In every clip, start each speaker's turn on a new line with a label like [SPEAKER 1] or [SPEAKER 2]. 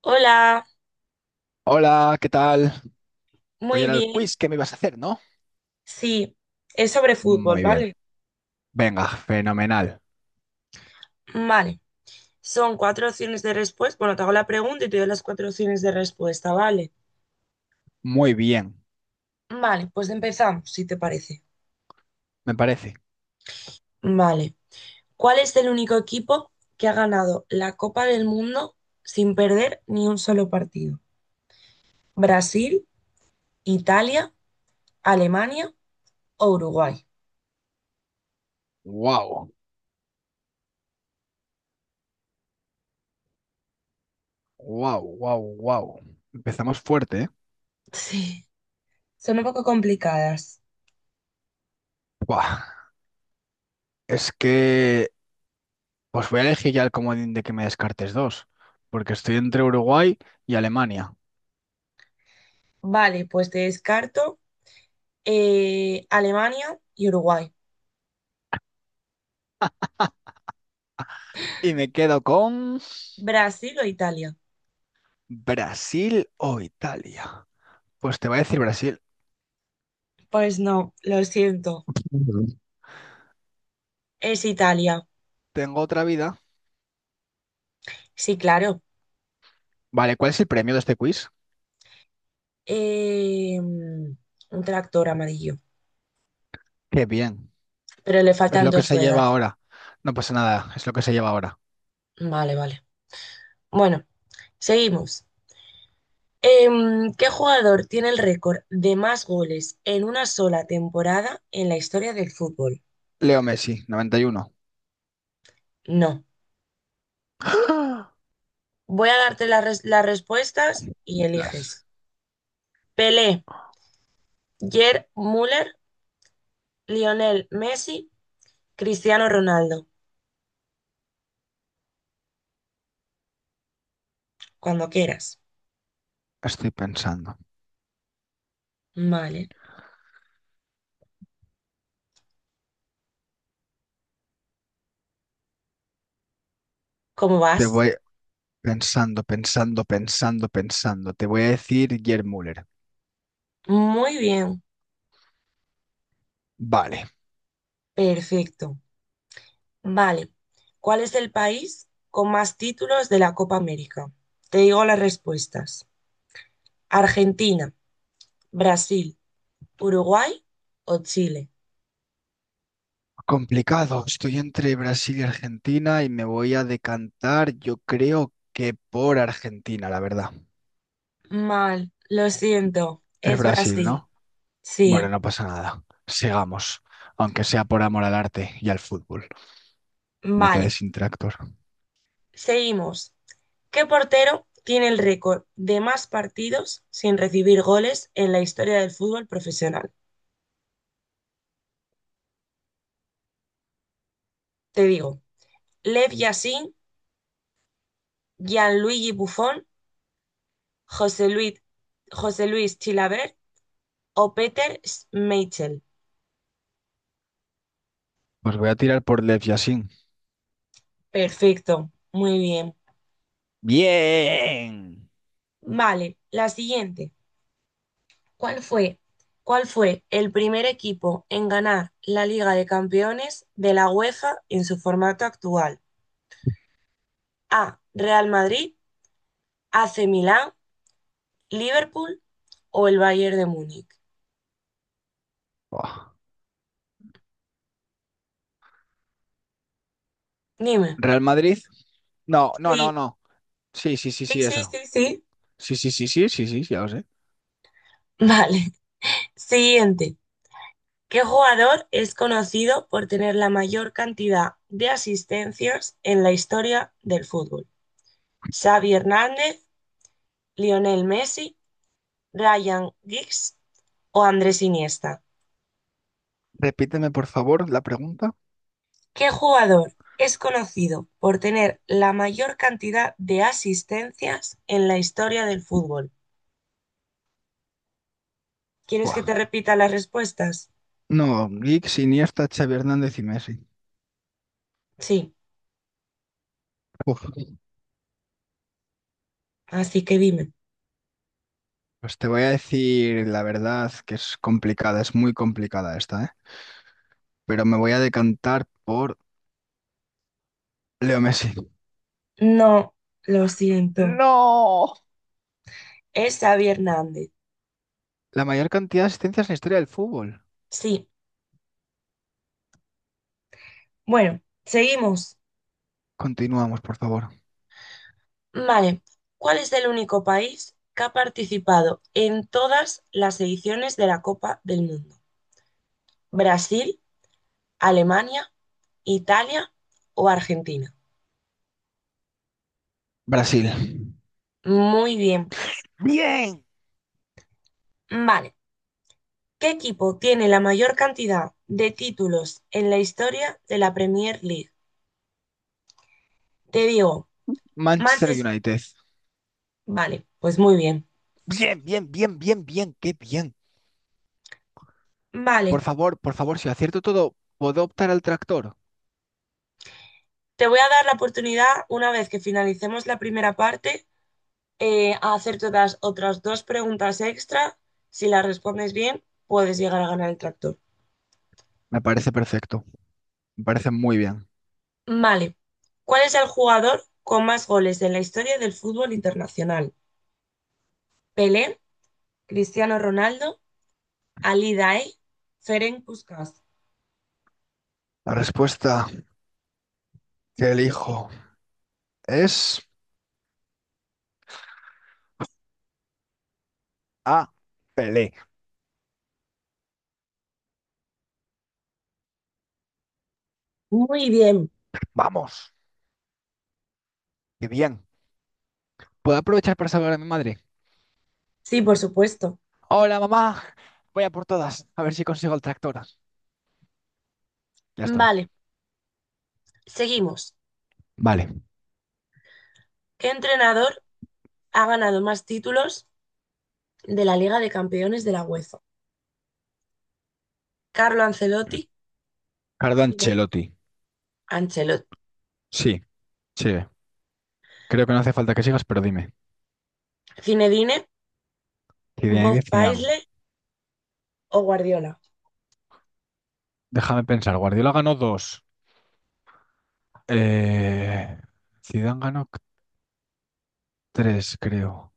[SPEAKER 1] Hola,
[SPEAKER 2] Hola, ¿qué tal? Hoy
[SPEAKER 1] muy
[SPEAKER 2] era el
[SPEAKER 1] bien.
[SPEAKER 2] quiz que me ibas a hacer, ¿no?
[SPEAKER 1] Sí, es sobre fútbol,
[SPEAKER 2] Muy bien.
[SPEAKER 1] ¿vale?
[SPEAKER 2] Venga, fenomenal.
[SPEAKER 1] Vale. Son cuatro opciones de respuesta. Bueno, te hago la pregunta y te doy las cuatro opciones de respuesta, ¿vale?
[SPEAKER 2] Muy bien,
[SPEAKER 1] Vale, pues empezamos, si te parece.
[SPEAKER 2] me parece.
[SPEAKER 1] Vale. ¿Cuál es el único equipo que ha ganado la Copa del Mundo sin perder ni un solo partido? ¿Brasil, Italia, Alemania o Uruguay?
[SPEAKER 2] Wow, wow, wow, wow. Empezamos fuerte, ¿eh?
[SPEAKER 1] Sí, son un poco complicadas.
[SPEAKER 2] Buah, Es que, pues voy a elegir ya el comodín de que me descartes dos, porque estoy entre Uruguay y Alemania.
[SPEAKER 1] Vale, pues te descarto Alemania y Uruguay.
[SPEAKER 2] Y me quedo con
[SPEAKER 1] ¿Brasil o Italia?
[SPEAKER 2] Brasil o Italia. Pues te voy a decir Brasil.
[SPEAKER 1] Pues no, lo siento.
[SPEAKER 2] Ujú.
[SPEAKER 1] Es Italia.
[SPEAKER 2] Tengo otra vida.
[SPEAKER 1] Sí, claro.
[SPEAKER 2] Vale, ¿cuál es el premio de este quiz?
[SPEAKER 1] Un tractor amarillo.
[SPEAKER 2] Qué bien.
[SPEAKER 1] Pero le
[SPEAKER 2] Es
[SPEAKER 1] faltan
[SPEAKER 2] lo que
[SPEAKER 1] dos
[SPEAKER 2] se lleva
[SPEAKER 1] ruedas.
[SPEAKER 2] ahora. No pasa nada, es lo que se lleva ahora.
[SPEAKER 1] Vale, vale. Bueno, seguimos. ¿Qué jugador tiene el récord de más goles en una sola temporada en la historia del fútbol?
[SPEAKER 2] Leo Messi, 91.
[SPEAKER 1] No. Voy a darte las las respuestas y
[SPEAKER 2] Las
[SPEAKER 1] eliges. Pelé, Gerd Müller, Lionel Messi, Cristiano Ronaldo. Cuando quieras.
[SPEAKER 2] estoy pensando.
[SPEAKER 1] Vale. ¿Cómo
[SPEAKER 2] Te
[SPEAKER 1] vas?
[SPEAKER 2] voy pensando, pensando, pensando, pensando. Te voy a decir Gerd Müller.
[SPEAKER 1] Muy bien.
[SPEAKER 2] Vale.
[SPEAKER 1] Perfecto. Vale. ¿Cuál es el país con más títulos de la Copa América? Te digo las respuestas. Argentina, Brasil, Uruguay o Chile.
[SPEAKER 2] Complicado. Estoy entre Brasil y Argentina y me voy a decantar, yo creo que por Argentina, la verdad.
[SPEAKER 1] Mal. Lo siento.
[SPEAKER 2] Es
[SPEAKER 1] Es
[SPEAKER 2] Brasil,
[SPEAKER 1] Brasil.
[SPEAKER 2] ¿no? Bueno,
[SPEAKER 1] Sí.
[SPEAKER 2] no pasa nada. Sigamos, aunque sea por amor al arte y al fútbol. Me quedé
[SPEAKER 1] Vale.
[SPEAKER 2] sin tractor.
[SPEAKER 1] Seguimos. ¿Qué portero tiene el récord de más partidos sin recibir goles en la historia del fútbol profesional? Te digo. Lev Yashin, Gianluigi Buffon, José Luis, José Luis Chilaver o Peter Schmeichel.
[SPEAKER 2] Pues voy a tirar por Lev Yashin.
[SPEAKER 1] Perfecto, muy bien.
[SPEAKER 2] Bien.
[SPEAKER 1] Vale, la siguiente. ¿Cuál fue, ¿Cuál fue el primer equipo en ganar la Liga de Campeones de la UEFA en su formato actual? A. Real Madrid, AC Milán, Liverpool o el Bayern de Múnich.
[SPEAKER 2] Buah.
[SPEAKER 1] Dime.
[SPEAKER 2] Real Madrid. No, no, no,
[SPEAKER 1] Sí,
[SPEAKER 2] no. Sí, sí, sí,
[SPEAKER 1] sí,
[SPEAKER 2] sí,
[SPEAKER 1] sí, sí,
[SPEAKER 2] eso.
[SPEAKER 1] sí.
[SPEAKER 2] Sí, sí, sí, sí, sí, sí, ya lo sé.
[SPEAKER 1] Vale. Siguiente. ¿Qué jugador es conocido por tener la mayor cantidad de asistencias en la historia del fútbol? ¿Xavi Hernández, Lionel Messi, Ryan Giggs o Andrés Iniesta?
[SPEAKER 2] Repíteme, por favor, la pregunta.
[SPEAKER 1] ¿Qué jugador es conocido por tener la mayor cantidad de asistencias en la historia del fútbol? ¿Quieres que
[SPEAKER 2] Buah.
[SPEAKER 1] te repita las respuestas?
[SPEAKER 2] No, Giggs, Iniesta, Xavi Hernández y Messi.
[SPEAKER 1] Sí,
[SPEAKER 2] Uf.
[SPEAKER 1] así que dime.
[SPEAKER 2] Pues te voy a decir la verdad que es complicada, es muy complicada esta, ¿eh? Pero me voy a decantar por Leo Messi.
[SPEAKER 1] No, lo siento.
[SPEAKER 2] No.
[SPEAKER 1] Es Xavi Hernández.
[SPEAKER 2] La mayor cantidad de asistencias en la historia del fútbol.
[SPEAKER 1] Sí. Bueno, seguimos.
[SPEAKER 2] Continuamos, por favor.
[SPEAKER 1] Vale. ¿Cuál es el único país que ha participado en todas las ediciones de la Copa del Mundo? ¿Brasil, Alemania, Italia o Argentina?
[SPEAKER 2] Brasil.
[SPEAKER 1] Muy bien.
[SPEAKER 2] Bien.
[SPEAKER 1] Vale. ¿Qué equipo tiene la mayor cantidad de títulos en la historia de la Premier League? Te digo,
[SPEAKER 2] Manchester
[SPEAKER 1] Manchester.
[SPEAKER 2] United.
[SPEAKER 1] Vale, pues muy bien.
[SPEAKER 2] Bien, bien, bien, bien, bien, qué bien.
[SPEAKER 1] Vale.
[SPEAKER 2] Por favor, si acierto todo, ¿puedo optar al tractor?
[SPEAKER 1] Te voy a dar la oportunidad, una vez que finalicemos la primera parte, a hacerte las otras dos preguntas extra. Si las respondes bien, puedes llegar a ganar el tractor.
[SPEAKER 2] Me parece perfecto, me parece muy bien.
[SPEAKER 1] Vale. ¿Cuál es el jugador con más goles en la historia del fútbol internacional? Pelé, Cristiano Ronaldo, Ali Daei, Ferenc Puskás.
[SPEAKER 2] La respuesta que elijo es A, Pelé.
[SPEAKER 1] Muy bien.
[SPEAKER 2] Vamos, qué bien. ¿Puedo aprovechar para salvar a mi madre?
[SPEAKER 1] Sí, por supuesto.
[SPEAKER 2] Hola, mamá. Voy a por todas, a ver si consigo el tractor. Ya estoy.
[SPEAKER 1] Vale. Seguimos.
[SPEAKER 2] Vale.
[SPEAKER 1] ¿Qué entrenador ha ganado más títulos de la Liga de Campeones de la UEFA? Carlo Ancelotti,
[SPEAKER 2] Carlo
[SPEAKER 1] Cine-
[SPEAKER 2] Ancelotti.
[SPEAKER 1] Ancelotti,
[SPEAKER 2] Sí, sigue. Creo que no hace falta que sigas, pero dime.
[SPEAKER 1] Zinedine, Bob
[SPEAKER 2] Zidane, Zidane.
[SPEAKER 1] Paisley o Guardiola.
[SPEAKER 2] Déjame pensar, Guardiola ganó dos. Eh, Zidane ganó tres, creo.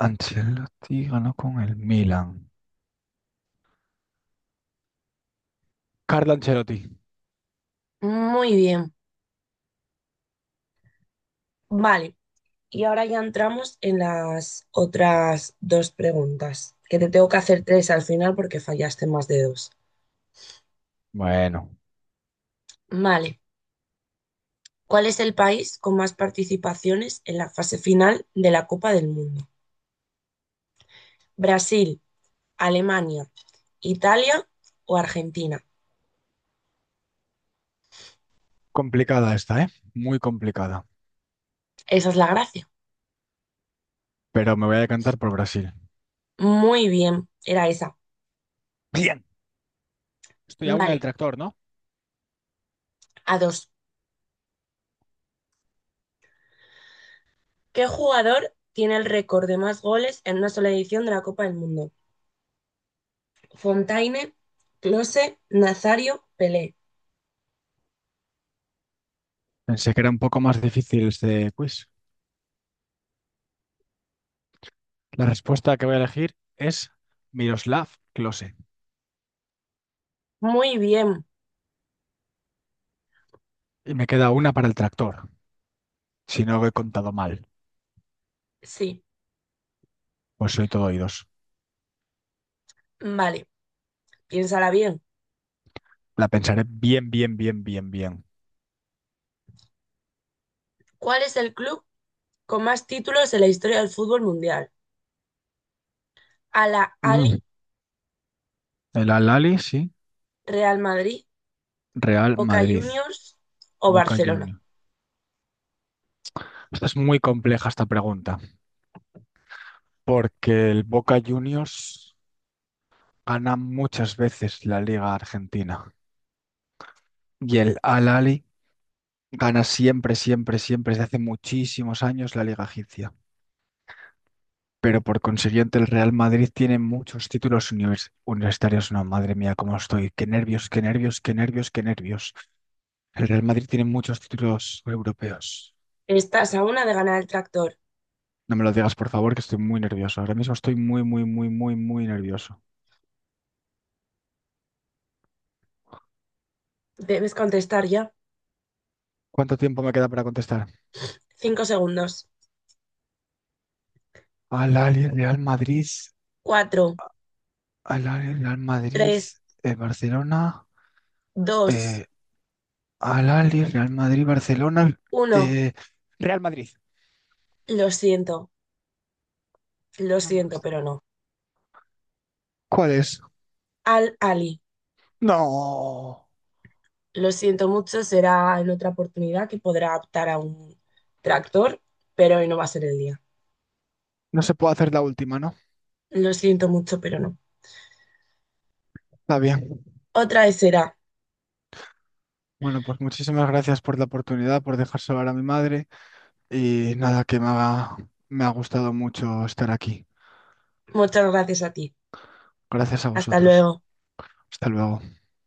[SPEAKER 2] Ancelotti ganó con el Milan. Carlo Ancelotti.
[SPEAKER 1] Muy bien. Vale. Y ahora ya entramos en las otras dos preguntas, que te tengo que hacer tres al final porque fallaste más de dos.
[SPEAKER 2] Bueno,
[SPEAKER 1] Vale. ¿Cuál es el país con más participaciones en la fase final de la Copa del Mundo? ¿Brasil, Alemania, Italia o Argentina?
[SPEAKER 2] complicada esta, ¿eh? Muy complicada.
[SPEAKER 1] Esa es la gracia.
[SPEAKER 2] Pero me voy a decantar por Brasil.
[SPEAKER 1] Muy bien, era esa.
[SPEAKER 2] Bien. Estoy a una del
[SPEAKER 1] Vale.
[SPEAKER 2] tractor, ¿no?
[SPEAKER 1] A dos. ¿Qué jugador tiene el récord de más goles en una sola edición de la Copa del Mundo? Fontaine, Close, Nazario, Pelé.
[SPEAKER 2] Pensé que era un poco más difícil este quiz. La respuesta que voy a elegir es Miroslav Klose.
[SPEAKER 1] Muy bien,
[SPEAKER 2] Y me queda una para el tractor. Si no lo he contado mal,
[SPEAKER 1] sí.
[SPEAKER 2] pues soy todo oídos.
[SPEAKER 1] Vale, piénsala bien.
[SPEAKER 2] La pensaré bien, bien, bien, bien, bien.
[SPEAKER 1] ¿Cuál es el club con más títulos en la historia del fútbol mundial? ¿Al
[SPEAKER 2] Mm,
[SPEAKER 1] Ahly,
[SPEAKER 2] El Al-Ali, sí.
[SPEAKER 1] Real Madrid,
[SPEAKER 2] Real
[SPEAKER 1] Boca
[SPEAKER 2] Madrid,
[SPEAKER 1] Juniors o
[SPEAKER 2] Boca
[SPEAKER 1] Barcelona?
[SPEAKER 2] Juniors. Esta es muy compleja esta pregunta, porque el Boca Juniors gana muchas veces la Liga Argentina y el Al-Ahly gana siempre, siempre, siempre, desde hace muchísimos años la Liga Egipcia. Pero por consiguiente el Real Madrid tiene muchos títulos universitarios. No, madre mía, cómo estoy. Qué nervios, qué nervios, qué nervios, qué nervios. El Real Madrid tiene muchos títulos europeos.
[SPEAKER 1] Estás a una de ganar el tractor.
[SPEAKER 2] No me lo digas, por favor, que estoy muy nervioso. Ahora mismo estoy muy, muy, muy, muy, muy nervioso.
[SPEAKER 1] Debes contestar ya.
[SPEAKER 2] ¿Cuánto tiempo me queda para contestar?
[SPEAKER 1] 5 segundos.
[SPEAKER 2] Al Ahly, Real Madrid,
[SPEAKER 1] Cuatro,
[SPEAKER 2] Al Ahly, Real Madrid,
[SPEAKER 1] tres,
[SPEAKER 2] Barcelona,
[SPEAKER 1] dos,
[SPEAKER 2] eh, Al Ahly, Real Madrid, Barcelona,
[SPEAKER 1] uno.
[SPEAKER 2] eh, Real Madrid.
[SPEAKER 1] Lo siento, lo
[SPEAKER 2] No me
[SPEAKER 1] siento,
[SPEAKER 2] gusta.
[SPEAKER 1] pero no.
[SPEAKER 2] ¿Cuál es?
[SPEAKER 1] Al Ahly.
[SPEAKER 2] No,
[SPEAKER 1] Lo siento mucho, será en otra oportunidad que podrá optar a un tractor, pero hoy no va a ser el día.
[SPEAKER 2] no se puede hacer la última, ¿no?
[SPEAKER 1] Lo siento mucho, pero no.
[SPEAKER 2] Está bien.
[SPEAKER 1] Otra vez será.
[SPEAKER 2] Bueno, pues muchísimas gracias por la oportunidad, por dejar hablar a mi madre y nada, que me ha gustado mucho estar aquí.
[SPEAKER 1] Muchas gracias a ti.
[SPEAKER 2] Gracias a
[SPEAKER 1] Hasta
[SPEAKER 2] vosotros.
[SPEAKER 1] luego.
[SPEAKER 2] Hasta luego.